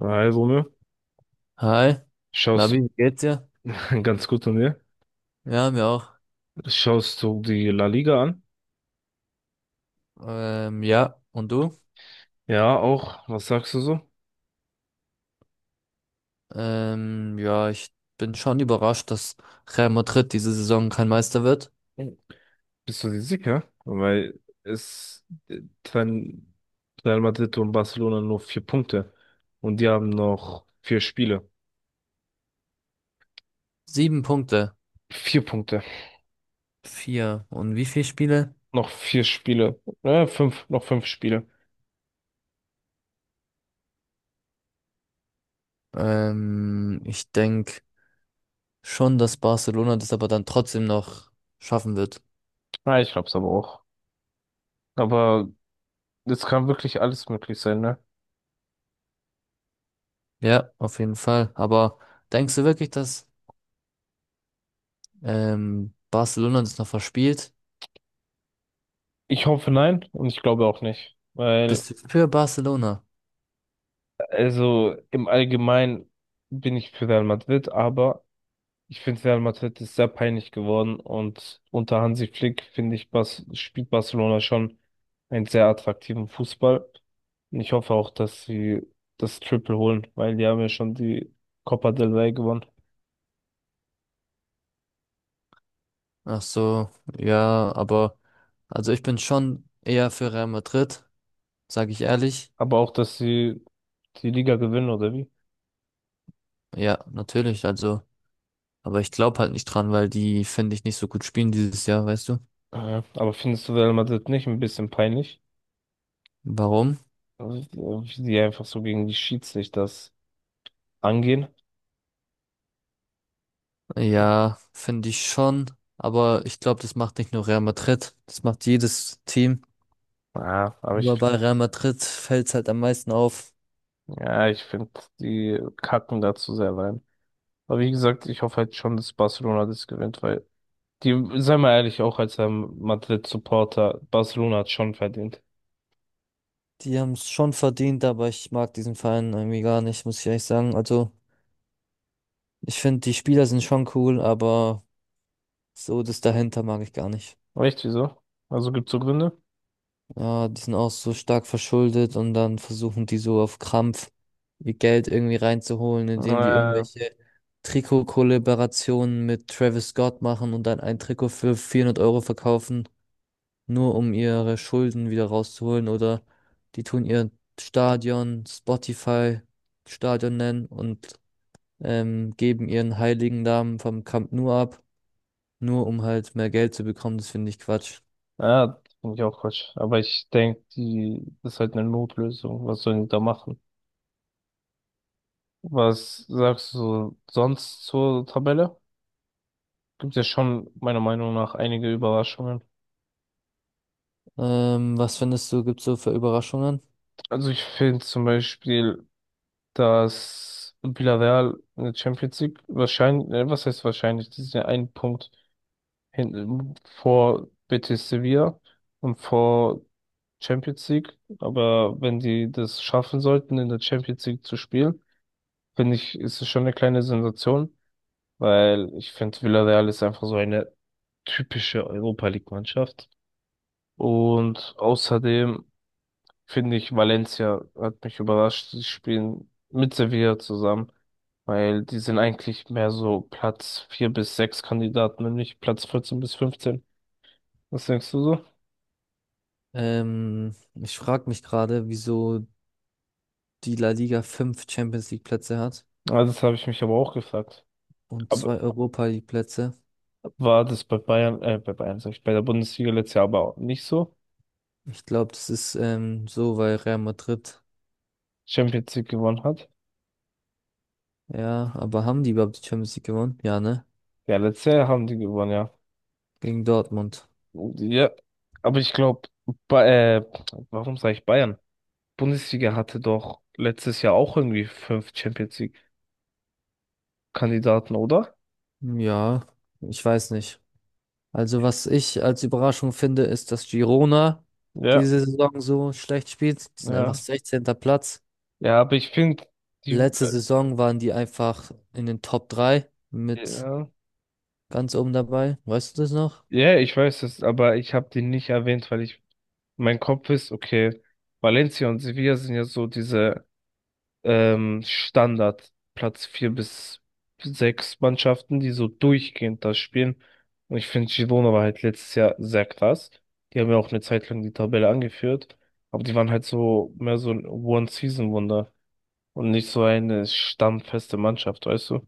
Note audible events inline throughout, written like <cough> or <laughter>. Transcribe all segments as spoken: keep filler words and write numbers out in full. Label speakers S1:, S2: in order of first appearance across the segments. S1: Also, ne?
S2: Hi,
S1: Schaust
S2: Labi, wie geht's dir?
S1: <laughs> ganz gut an dir.
S2: Ja, mir auch.
S1: Schaust du die La Liga an?
S2: Ähm, ja, und du?
S1: Ja, auch. Was sagst du so?
S2: Ähm, ja, ich bin schon überrascht, dass Real Madrid diese Saison kein Meister wird.
S1: Bist du dir sicher? Weil es äh, trennen Real Madrid und Barcelona nur vier Punkte. Und die haben noch vier Spiele.
S2: Sieben Punkte.
S1: Vier Punkte.
S2: Vier. Und wie viele Spiele?
S1: Noch vier Spiele. Äh, fünf, noch fünf Spiele.
S2: Ähm, ich denke schon, dass Barcelona das aber dann trotzdem noch schaffen wird.
S1: Ja, ich glaub's aber auch. Aber es kann wirklich alles möglich sein, ne?
S2: Ja, auf jeden Fall. Aber denkst du wirklich, dass ähm, Barcelona das noch verspielt?
S1: Ich hoffe nein und ich glaube auch nicht. Weil
S2: Bist du für Barcelona?
S1: also im Allgemeinen bin ich für Real Madrid, aber ich finde Real Madrid ist sehr peinlich geworden und unter Hansi Flick finde ich, Bas spielt Barcelona schon einen sehr attraktiven Fußball. Und ich hoffe auch, dass sie das Triple holen, weil die haben ja schon die Copa del Rey gewonnen.
S2: Ach so, ja, aber also ich bin schon eher für Real Madrid, sage ich ehrlich.
S1: Aber auch, dass sie die Liga gewinnen, oder wie?
S2: Ja, natürlich, also, aber ich glaube halt nicht dran, weil die finde ich nicht so gut spielen dieses Jahr, weißt du?
S1: Ja, aber findest du Real Madrid nicht ein bisschen peinlich?
S2: Warum?
S1: Also, wie die einfach so gegen die Schiedsrichter das angehen?
S2: Ja, finde ich schon, aber ich glaube, das macht nicht nur Real Madrid, das macht jedes Team.
S1: Ja, aber ich,
S2: Aber bei Real Madrid fällt's halt am meisten auf.
S1: ja, ich finde, die kacken dazu sehr rein. Aber wie gesagt, ich hoffe halt schon, dass Barcelona das gewinnt, weil die, sei mal ehrlich, auch als ähm, Madrid-Supporter, Barcelona hat schon verdient.
S2: Die haben's schon verdient, aber ich mag diesen Verein irgendwie gar nicht, muss ich ehrlich sagen. Also, ich finde, die Spieler sind schon cool, aber so das dahinter mag ich gar nicht.
S1: Echt, wieso? Also gibt's so Gründe?
S2: Ja, die sind auch so stark verschuldet und dann versuchen die so auf Krampf ihr Geld irgendwie reinzuholen, indem die
S1: Äh,
S2: irgendwelche Trikot-Kollaborationen mit Travis Scott machen und dann ein Trikot für vierhundert Euro verkaufen, nur um ihre Schulden wieder rauszuholen oder die tun ihr Stadion Spotify Stadion nennen und ähm, geben ihren heiligen Namen vom Camp Nou ab, nur um halt mehr Geld zu bekommen. Das finde ich Quatsch.
S1: ja, finde ich auch Quatsch. Aber ich denke, die das ist halt eine Notlösung. Was sollen die da machen? Was sagst du sonst zur Tabelle? Gibt ja schon meiner Meinung nach einige Überraschungen.
S2: Ähm, was findest du, gibt's so für Überraschungen?
S1: Also ich finde zum Beispiel, dass Villarreal in der Champions League wahrscheinlich, äh, was heißt wahrscheinlich, die sind ja einen Punkt hinten vor Betis Sevilla und vor Champions League. Aber wenn die das schaffen sollten, in der Champions League zu spielen, finde ich, ist es schon eine kleine Sensation, weil ich finde, Villarreal ist einfach so eine typische Europa League Mannschaft. Und außerdem finde ich, Valencia hat mich überrascht. Sie spielen mit Sevilla zusammen, weil die sind eigentlich mehr so Platz vier bis sechs Kandidaten, nämlich Platz vierzehn bis fünfzehn. Was denkst du so?
S2: Ähm, ich frage mich gerade, wieso die La Liga fünf Champions League Plätze hat
S1: Ah, das habe ich mich aber auch gefragt.
S2: und
S1: Aber
S2: zwei Europa League Plätze.
S1: war das bei Bayern, äh, bei Bayern, sag ich, bei der Bundesliga letztes Jahr aber auch nicht so?
S2: Ich glaube, das ist ähm, so, weil Real Madrid.
S1: Champions League gewonnen hat?
S2: Ja, aber haben die überhaupt die Champions League gewonnen? Ja, ne?
S1: Ja, letztes Jahr haben die gewonnen, ja.
S2: Gegen Dortmund.
S1: Ja, aber ich glaube, äh, warum sage ich Bayern? Bundesliga hatte doch letztes Jahr auch irgendwie fünf Champions Kandidaten, oder?
S2: Ja, ich weiß nicht. Also, was ich als Überraschung finde, ist, dass Girona
S1: Ja,
S2: diese Saison so schlecht spielt. Die sind einfach
S1: ja.
S2: sechzehnter Platz.
S1: Ja, aber ich finde, die,
S2: Letzte Saison waren die einfach in den Top drei
S1: äh,
S2: mit
S1: ja,
S2: ganz oben dabei. Weißt du das noch?
S1: ja, ich weiß es, aber ich habe die nicht erwähnt, weil ich, mein Kopf ist, okay, Valencia und Sevilla sind ja so diese ähm, Standard Platz vier bis sechs Mannschaften, die so durchgehend das spielen. Und ich finde, Girona war halt letztes Jahr sehr krass. Die haben ja auch eine Zeit lang die Tabelle angeführt, aber die waren halt so mehr so ein One-Season-Wunder und nicht so eine stammfeste Mannschaft, weißt du?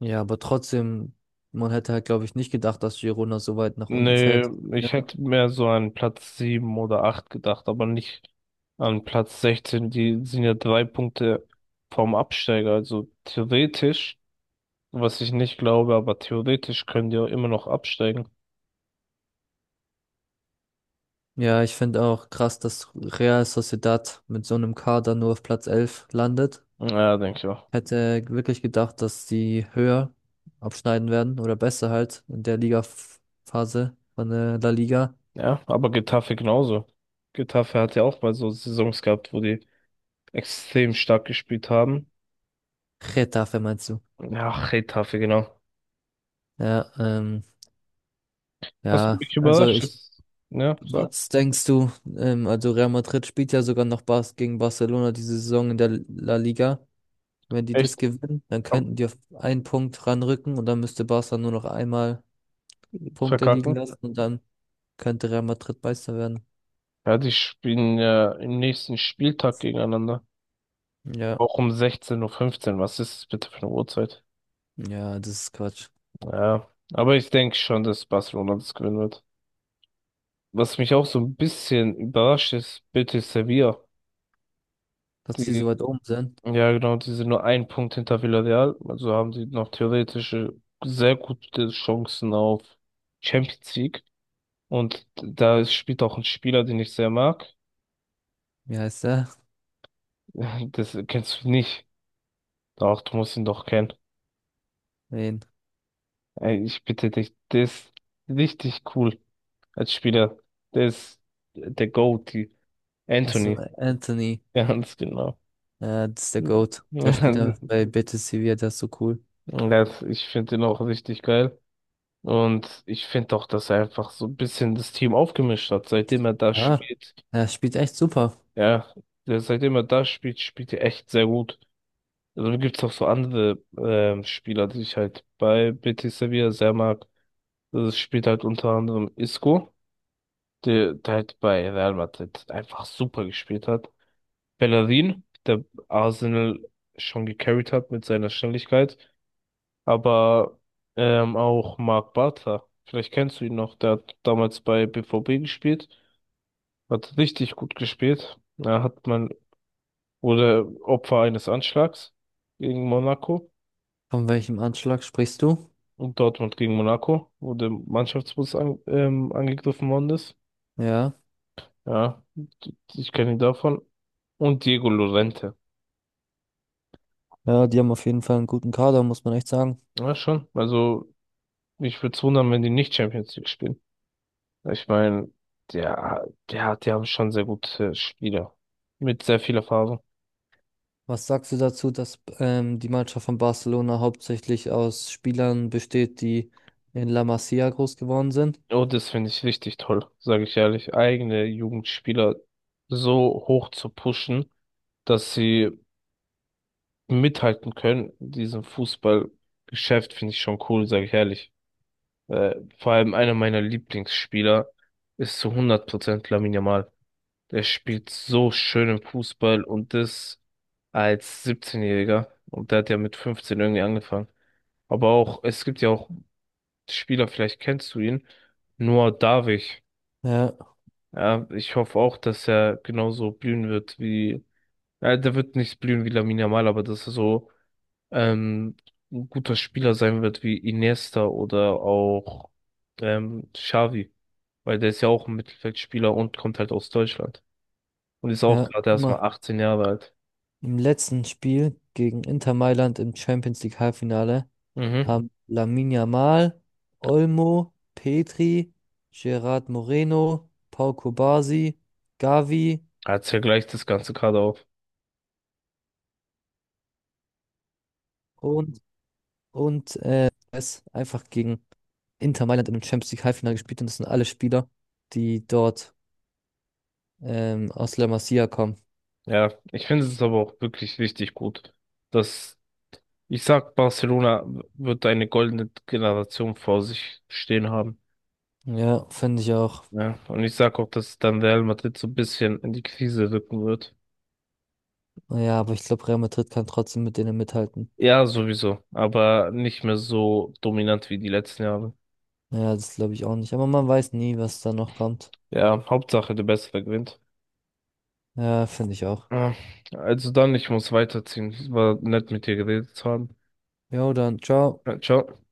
S2: Ja, aber trotzdem, man hätte halt, glaube ich, nicht gedacht, dass Girona so weit nach unten
S1: Nee,
S2: fällt. Ja,
S1: ich hätte mehr so an Platz sieben oder acht gedacht, aber nicht an Platz sechzehn. Die sind ja drei Punkte vom Absteiger. Also theoretisch, was ich nicht glaube, aber theoretisch können die auch immer noch absteigen.
S2: Ja, ich finde auch krass, dass Real Sociedad mit so einem Kader nur auf Platz elf landet.
S1: Ja, denke ich auch.
S2: Hätte wirklich gedacht, dass die höher abschneiden werden oder besser halt in der Liga-Phase von der La Liga.
S1: Ja, aber Getafe genauso. Getafe hat ja auch mal so Saisons gehabt, wo die extrem stark gespielt haben.
S2: Getafe meinst du?
S1: Ja, Getafe, genau.
S2: Ja, ähm,
S1: Was
S2: ja,
S1: mich
S2: also
S1: überrascht
S2: ich,
S1: ist, ja, sag.
S2: was denkst du? Ähm, also Real Madrid spielt ja sogar noch Bas gegen Barcelona diese Saison in der La Liga. Wenn die das
S1: Echt
S2: gewinnen, dann
S1: am
S2: könnten die auf einen Punkt ranrücken und dann müsste Barca nur noch einmal Punkte liegen
S1: Verkacken.
S2: lassen und dann könnte Real Madrid Meister werden.
S1: Ja, die spielen ja im nächsten Spieltag gegeneinander.
S2: Ja,
S1: Auch um sechzehn Uhr fünfzehn. Fünfzehn. Was ist das bitte für eine Uhrzeit?
S2: ja, das ist Quatsch.
S1: Ja, aber ich denke schon, dass Barcelona das gewinnen wird. Was mich auch so ein bisschen überrascht ist, Betis Sevilla.
S2: Dass die so
S1: Die,
S2: weit oben sind.
S1: ja genau, die sind nur ein Punkt hinter Villarreal. Also haben sie noch theoretische sehr gute Chancen auf Champions League. Und da ist- spielt auch ein Spieler, den ich sehr mag.
S2: Wie heißt der?
S1: <laughs> Das kennst du nicht. Doch, du musst ihn doch kennen.
S2: Wen?
S1: Ey, ich bitte dich, der ist richtig cool als Spieler. Der ist der GOAT, die
S2: Achso,
S1: Anthony,
S2: Anthony.
S1: ganz genau.
S2: Ja, das ist der GOAT. Der
S1: <laughs>
S2: spielt ja bei Betis Sevilla, der ist so cool.
S1: Das, ich finde den auch richtig geil. Und ich finde auch, dass er einfach so ein bisschen das Team aufgemischt hat, seitdem er da
S2: Ja,
S1: spielt.
S2: er spielt echt super.
S1: Ja, der, seitdem er da spielt, spielt er echt sehr gut. Also gibt es auch so andere ähm, Spieler, die ich halt bei Betis Sevilla sehr mag. Das spielt halt unter anderem Isco, der, der halt bei Real Madrid einfach super gespielt hat. Bellerin, der Arsenal schon gecarried hat mit seiner Schnelligkeit, aber ähm, auch Marc Bartra. Vielleicht kennst du ihn noch, der hat damals bei B V B gespielt, hat richtig gut gespielt. Da hat man, wurde Opfer eines Anschlags gegen Monaco
S2: Von welchem Anschlag sprichst du?
S1: und Dortmund gegen Monaco, wo der Mannschaftsbus an, ähm, angegriffen worden ist.
S2: Ja.
S1: Ja, ich kenne ihn davon. Und Diego Llorente.
S2: Ja, die haben auf jeden Fall einen guten Kader, muss man echt sagen.
S1: Ja, schon. Also, mich würde es wundern, wenn die nicht Champions League spielen. Ich meine, der, der, die haben schon sehr gute Spieler. Mit sehr viel Erfahrung.
S2: Was sagst du dazu, dass ähm, die Mannschaft von Barcelona hauptsächlich aus Spielern besteht, die in La Masia groß geworden sind?
S1: Oh, das finde ich richtig toll, sage ich ehrlich. Eigene Jugendspieler so hoch zu pushen, dass sie mithalten können. In diesem Fußballgeschäft finde ich schon cool, sage ich ehrlich. Äh, vor allem einer meiner Lieblingsspieler ist zu hundert Prozent Lamine Yamal. Der spielt so schön im Fußball und das als siebzehn-Jähriger. Und der hat ja mit fünfzehn irgendwie angefangen. Aber auch, es gibt ja auch Spieler, vielleicht kennst du ihn, Noah Davich.
S2: Ja,
S1: Ja, ich hoffe auch, dass er genauso blühen wird wie, ja, der wird nicht blühen wie Lamine Yamal, aber dass er so ähm, ein guter Spieler sein wird wie Iniesta oder auch ähm, Xavi. Weil der ist ja auch ein Mittelfeldspieler und kommt halt aus Deutschland. Und ist auch
S2: ja,
S1: gerade
S2: guck
S1: erst
S2: mal.
S1: mal achtzehn Jahre alt.
S2: Im letzten Spiel gegen Inter Mailand im Champions League Halbfinale
S1: Mhm.
S2: haben Lamine Yamal, Olmo, Petri, Gerard Moreno, Pau Cubarsí, Gavi
S1: Jetzt vergleicht das Ganze gerade auf.
S2: und, und äh, es einfach gegen Inter Mailand im Champions League Halbfinale gespielt und das sind alle Spieler, die dort Ähm, aus La Masia kommen.
S1: Ja, ich finde es aber auch wirklich richtig gut, dass ich sag, Barcelona wird eine goldene Generation vor sich stehen haben.
S2: Ja, finde ich auch.
S1: Ja, und ich sag auch, dass dann Real Madrid so ein bisschen in die Krise rücken wird.
S2: Ja, aber ich glaube, Real Madrid kann trotzdem mit denen mithalten.
S1: Ja, sowieso, aber nicht mehr so dominant wie die letzten Jahre.
S2: Ja, das glaube ich auch nicht. Aber man weiß nie, was da noch kommt.
S1: Ja, Hauptsache der Bessere gewinnt.
S2: Ja, finde ich auch.
S1: Ja, also dann, ich muss weiterziehen. Es war nett mit dir geredet zu haben.
S2: Jo, dann, ciao.
S1: Ja, Ciao.